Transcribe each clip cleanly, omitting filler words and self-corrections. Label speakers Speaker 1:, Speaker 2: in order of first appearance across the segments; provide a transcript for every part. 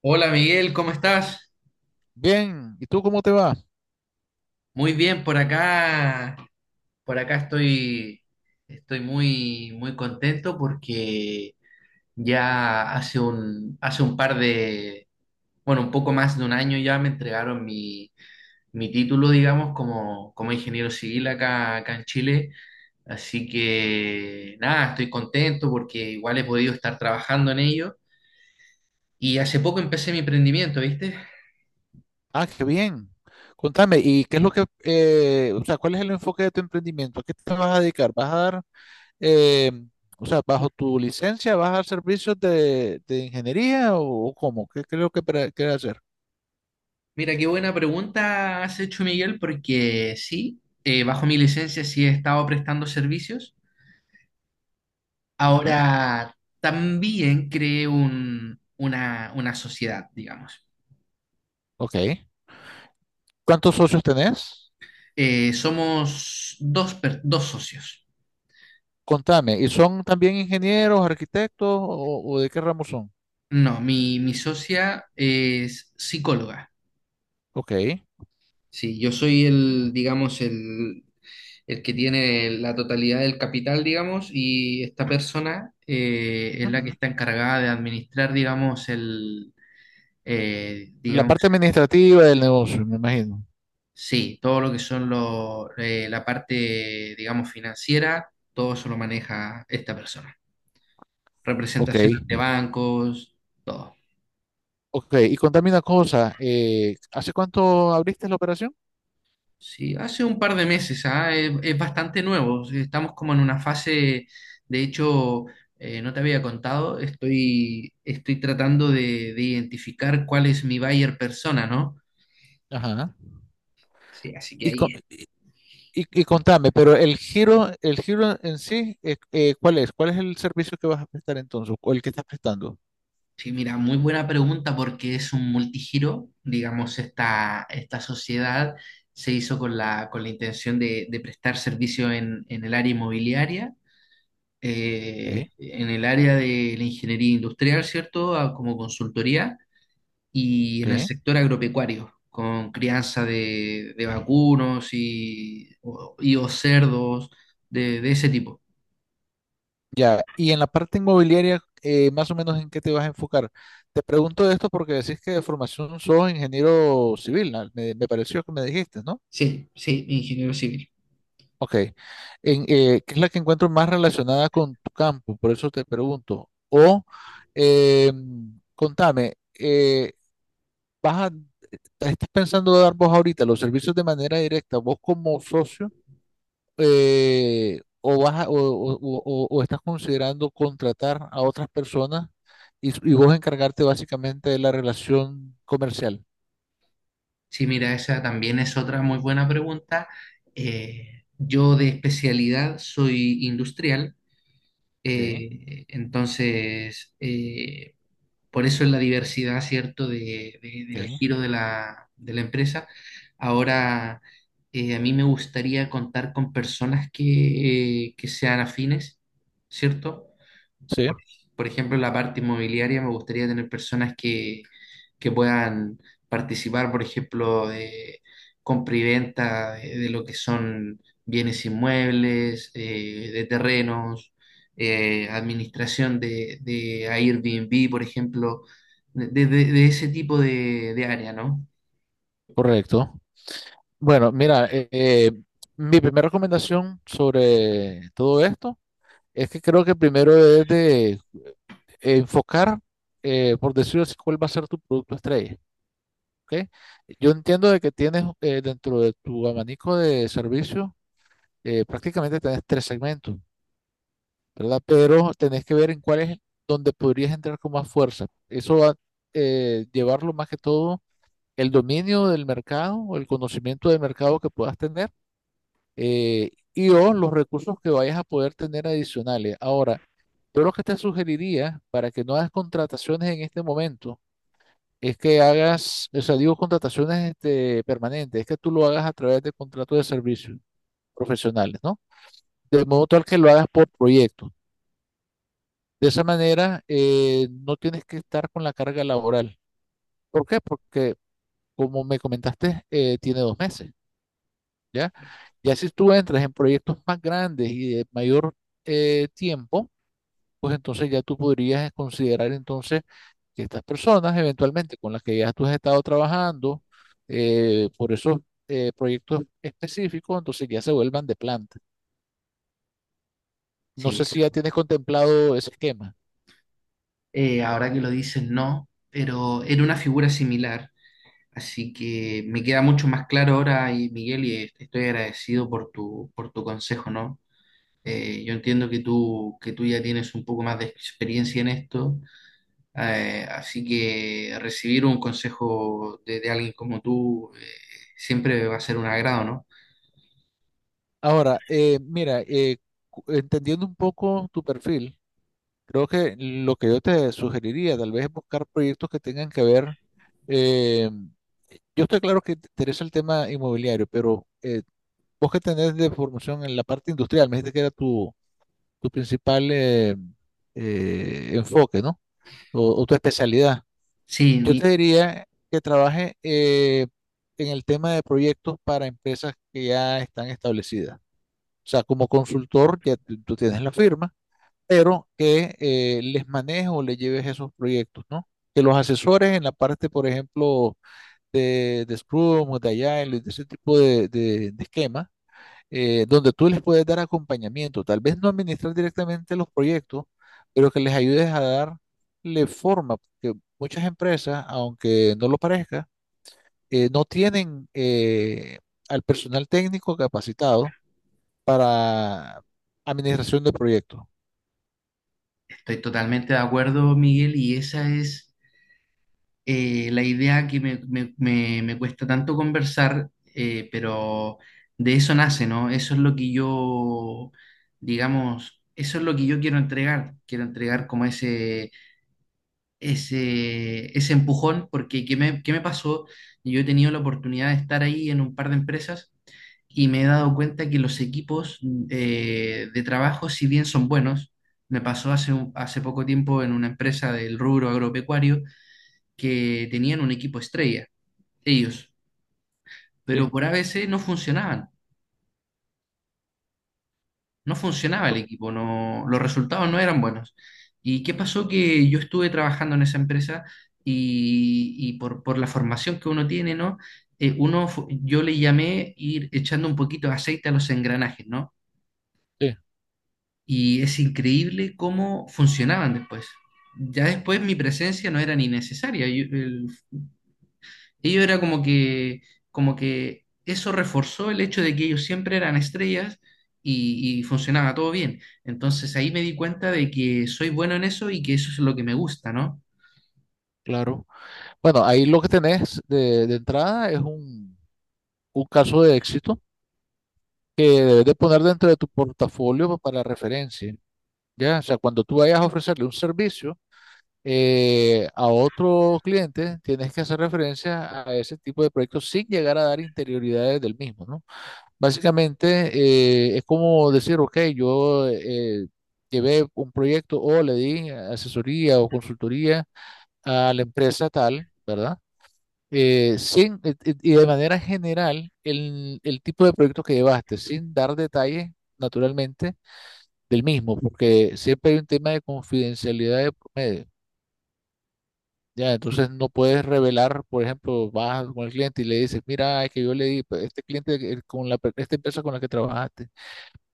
Speaker 1: Hola Miguel, ¿cómo estás?
Speaker 2: Bien, ¿y tú cómo te va?
Speaker 1: Muy bien por acá. Por acá estoy, estoy muy, muy contento porque hace un par de, bueno, un poco más de un año ya me entregaron mi título, digamos, como ingeniero civil acá en Chile. Así que nada, estoy contento porque igual he podido estar trabajando en ello. Y hace poco empecé mi emprendimiento, ¿viste?
Speaker 2: Ah, qué bien. Contame, ¿y qué es lo que, o sea, cuál es el enfoque de tu emprendimiento? ¿A qué te vas a dedicar? ¿Vas a dar, eh, o sea, bajo tu licencia, vas a dar servicios de ingeniería o cómo? ¿Qué creo que quieres hacer?
Speaker 1: Mira, qué buena pregunta has hecho, Miguel, porque sí, bajo mi licencia sí he estado prestando servicios.
Speaker 2: Ujú.
Speaker 1: Ahora también creé una sociedad, digamos.
Speaker 2: Ok. ¿Cuántos socios tenés?
Speaker 1: Somos dos, dos socios.
Speaker 2: Contame, ¿y son también ingenieros, arquitectos o de qué ramo son?
Speaker 1: No, mi socia es psicóloga.
Speaker 2: Ok.
Speaker 1: Sí, yo soy el que tiene la totalidad del capital, digamos, y esta persona es la que
Speaker 2: Ujú.
Speaker 1: está encargada de administrar, digamos, eh,
Speaker 2: La
Speaker 1: digamos,
Speaker 2: parte administrativa del negocio, me imagino.
Speaker 1: sí, todo lo que son la parte, digamos, financiera, todo eso lo maneja esta persona.
Speaker 2: Ok.
Speaker 1: Representaciones de bancos, todo.
Speaker 2: Ok, y contame una cosa, ¿hace cuánto abriste la operación?
Speaker 1: Sí, hace un par de meses, ah, es bastante nuevo. Estamos como en una fase, de hecho, no te había contado, estoy tratando de identificar cuál es mi buyer persona, ¿no?
Speaker 2: Ajá.
Speaker 1: Sí, así que
Speaker 2: Y, co-
Speaker 1: ahí
Speaker 2: y contame, pero el giro en sí, ¿cuál es? ¿Cuál es el servicio que vas a prestar entonces? ¿O el que estás prestando?
Speaker 1: sí, mira, muy buena pregunta porque es un multigiro, digamos, esta sociedad se hizo con con la intención de prestar servicio en el área inmobiliaria,
Speaker 2: Ok,
Speaker 1: en el área de la ingeniería industrial, ¿cierto? A- como consultoría y en el
Speaker 2: ok.
Speaker 1: sector agropecuario, con crianza de vacunos y o cerdos, de ese tipo.
Speaker 2: Ya, y en la parte inmobiliaria, más o menos en qué te vas a enfocar. Te pregunto esto porque decís que de formación sos ingeniero civil, ¿no? Me pareció que me dijiste, ¿no?
Speaker 1: Sí, sí, ingeniero civil.
Speaker 2: Ok. En, ¿qué es la que encuentro más relacionada con tu campo? Por eso te pregunto. O eh, contame, ¿vas a- ¿estás pensando dar vos ahorita los servicios de manera directa, vos como socio, o, o estás considerando contratar a otras personas y vos encargarte básicamente de la relación comercial?
Speaker 1: Sí, mira, esa también es otra muy buena pregunta. Yo de especialidad soy industrial,
Speaker 2: Ok,
Speaker 1: eh, entonces eh, por eso es la diversidad, ¿cierto?, del
Speaker 2: ok.
Speaker 1: giro de de la empresa. Ahora, a mí me gustaría contar con personas que sean afines, ¿cierto?
Speaker 2: Sí,
Speaker 1: Por, por ejemplo, en la parte inmobiliaria me gustaría tener personas que puedan participar, por ejemplo, de compra y venta de lo que son bienes inmuebles, de terrenos, administración de Airbnb, por ejemplo, de, de ese tipo de área, ¿no?
Speaker 2: correcto. Bueno, mira, mi primera recomendación sobre todo esto es que creo que primero es de enfocar, por decirlo así, cuál va a ser tu producto estrella, ¿ok? Yo entiendo de que tienes dentro de tu abanico de servicios, prácticamente tenés tres segmentos, ¿verdad? Pero tenés que ver en cuál es donde podrías entrar con más fuerza. Eso va a llevarlo más que todo el dominio del mercado o el conocimiento del mercado que puedas tener y o los recursos que vayas a poder tener adicionales. Ahora, yo lo que te sugeriría para que no hagas contrataciones en este momento es que hagas, o sea, digo contrataciones este, permanentes, es que tú lo hagas a través de contratos de servicios profesionales, ¿no? De modo tal que lo hagas por proyecto. De esa manera, no tienes que estar con la carga laboral. ¿Por qué? Porque, como me comentaste, tiene dos meses, ¿ya? Ya si tú entras en proyectos más grandes y de mayor tiempo, pues entonces ya tú podrías considerar entonces que estas personas eventualmente con las que ya tú has estado trabajando por esos proyectos específicos, entonces ya se vuelvan de planta. No
Speaker 1: Sí,
Speaker 2: sé si ya tienes contemplado ese esquema.
Speaker 1: Ahora que lo dices, no, pero era una figura similar. Así que me queda mucho más claro ahora, y Miguel, y estoy agradecido por por tu consejo, ¿no? Yo entiendo que que tú ya tienes un poco más de experiencia en esto, así que recibir un consejo de alguien como tú siempre va a ser un agrado, ¿no?
Speaker 2: Ahora, mira, entendiendo un poco tu perfil, creo que lo que yo te sugeriría tal vez es buscar proyectos que tengan que ver eh, yo estoy claro que te interesa el tema inmobiliario, pero vos que tenés de formación en la parte industrial, me dijiste que era tu, tu principal enfoque, ¿no? O tu especialidad.
Speaker 1: Sí,
Speaker 2: Yo
Speaker 1: mi-
Speaker 2: te diría que trabaje en el tema de proyectos para empresas que ya están establecidas. O sea, como consultor, ya tú tienes la firma, pero que les manejes o les lleves esos proyectos, ¿no? Que los asesores en la parte, por ejemplo, de Scrum o de Agile, de ese tipo de, de esquemas donde tú les puedes dar acompañamiento, tal vez no administrar directamente los proyectos, pero que les ayudes a darle forma, porque muchas empresas, aunque no lo parezca, no tienen al personal técnico capacitado para administración de proyectos.
Speaker 1: estoy totalmente de acuerdo, Miguel, y esa es la idea que me cuesta tanto conversar, pero de eso nace, ¿no? Eso es lo que yo, digamos, eso es lo que yo quiero entregar. Quiero entregar como ese empujón, porque qué me pasó? Yo he tenido la oportunidad de estar ahí en un par de empresas y me he dado cuenta que los equipos de trabajo, si bien son buenos, me pasó hace, un- hace poco tiempo en una empresa del rubro agropecuario que tenían un equipo estrella, ellos, pero
Speaker 2: Sí,
Speaker 1: por a ABC no funcionaban. No funcionaba el equipo, no, los resultados no eran buenos. ¿Y qué pasó? Que yo estuve trabajando en esa empresa y por la formación que uno tiene, ¿no? Uno, fu- yo le llamé ir echando un poquito de aceite a los engranajes, ¿no?
Speaker 2: sí,
Speaker 1: Y es increíble cómo funcionaban después. Ya después mi presencia no era ni necesaria. Yo- el ellos era como que eso reforzó el hecho de que ellos siempre eran estrellas y funcionaba todo bien. Entonces ahí me di cuenta de que soy bueno en eso y que eso es lo que me gusta, ¿no?
Speaker 2: claro. Bueno, ahí lo que tenés de entrada es un caso de éxito que debes de poner dentro de tu portafolio para referencia, ¿ya? O sea, cuando tú vayas a ofrecerle un servicio, a otro cliente, tienes que hacer referencia a ese tipo de proyectos sin llegar a dar interioridades del mismo, ¿no? Básicamente, es como decir, ok, yo llevé un proyecto o le di asesoría o consultoría a la empresa tal, ¿verdad? Sin, de manera general, el tipo de proyecto que llevaste, sin dar detalles, naturalmente, del mismo, porque siempre hay un tema de confidencialidad de por medio. Ya, entonces no puedes revelar, por ejemplo, vas con el cliente y le dices, mira, es que yo le di, pues, este cliente con la, esta empresa con la que trabajaste.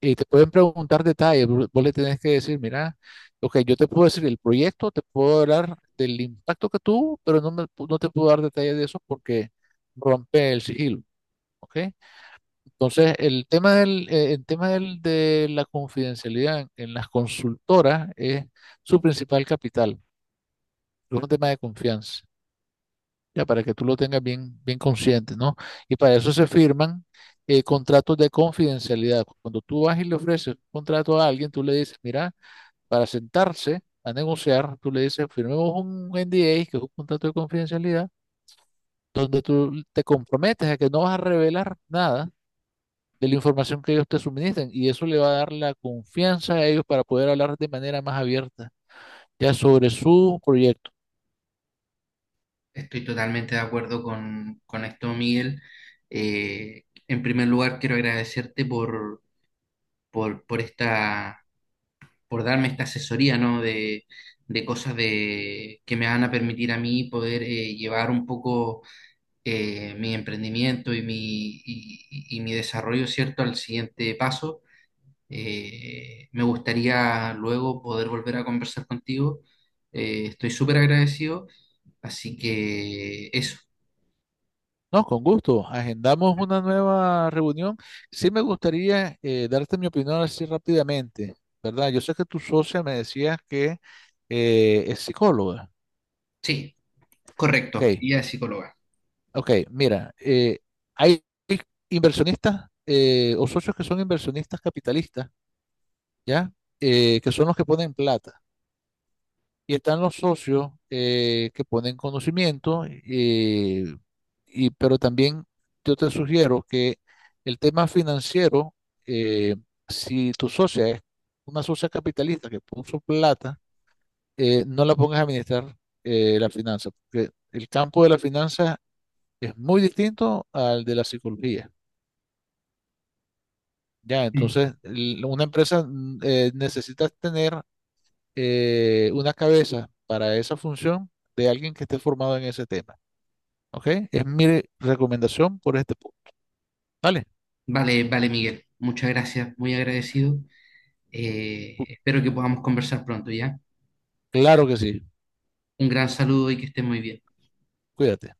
Speaker 2: Y te pueden preguntar detalles, vos le tenés que decir, mira, ok, yo te puedo decir el proyecto, te puedo hablar del impacto que tuvo, pero no, no te puedo dar detalles de eso porque rompe el sigilo, ¿ok? Entonces, el tema del, de la confidencialidad en las consultoras es su principal capital, es un tema de confianza. Ya para que tú lo tengas bien, bien consciente, ¿no? Y para eso se firman contratos de confidencialidad. Cuando tú vas y le ofreces un contrato a alguien, tú le dices, mira, para sentarse a negociar, tú le dices, firmemos un NDA, que es un contrato de confidencialidad, donde tú te comprometes a que no vas a revelar nada de la información que ellos te suministran y eso le va a dar la confianza a ellos para poder hablar de manera más abierta ya sobre su proyecto.
Speaker 1: Estoy totalmente de acuerdo con esto, Miguel. En primer lugar, quiero agradecerte por esta, por darme esta asesoría, ¿no? De cosas de, que me van a permitir a mí poder llevar un poco mi emprendimiento y y mi desarrollo, ¿cierto?, al siguiente paso. Me gustaría luego poder volver a conversar contigo. Estoy súper agradecido. Así que eso,
Speaker 2: No, con gusto. Agendamos una nueva reunión. Sí me gustaría darte mi opinión así rápidamente, ¿verdad? Yo sé que tu socia me decía que es psicóloga.
Speaker 1: sí,
Speaker 2: Ok,
Speaker 1: correcto, y guía psicóloga.
Speaker 2: ok, mira, hay inversionistas o socios que son inversionistas capitalistas, ¿ya? Que son los que ponen plata. Y están los socios que ponen conocimiento, y, pero también yo te sugiero que el tema financiero, eh, si tu socia es una socia capitalista que puso plata, no la pongas a administrar la finanza, porque el campo de la finanza es muy distinto al de la psicología. Ya,
Speaker 1: Mm.
Speaker 2: entonces, una empresa necesita tener una cabeza para esa función de alguien que esté formado en ese tema. ¿Ok? Es mi recomendación por este punto, ¿vale?
Speaker 1: Vale, vale, Miguel. Muchas gracias, muy agradecido. Espero que podamos conversar pronto, ¿ya?
Speaker 2: Claro que sí,
Speaker 1: Un gran saludo y que estés muy bien.
Speaker 2: cuídate.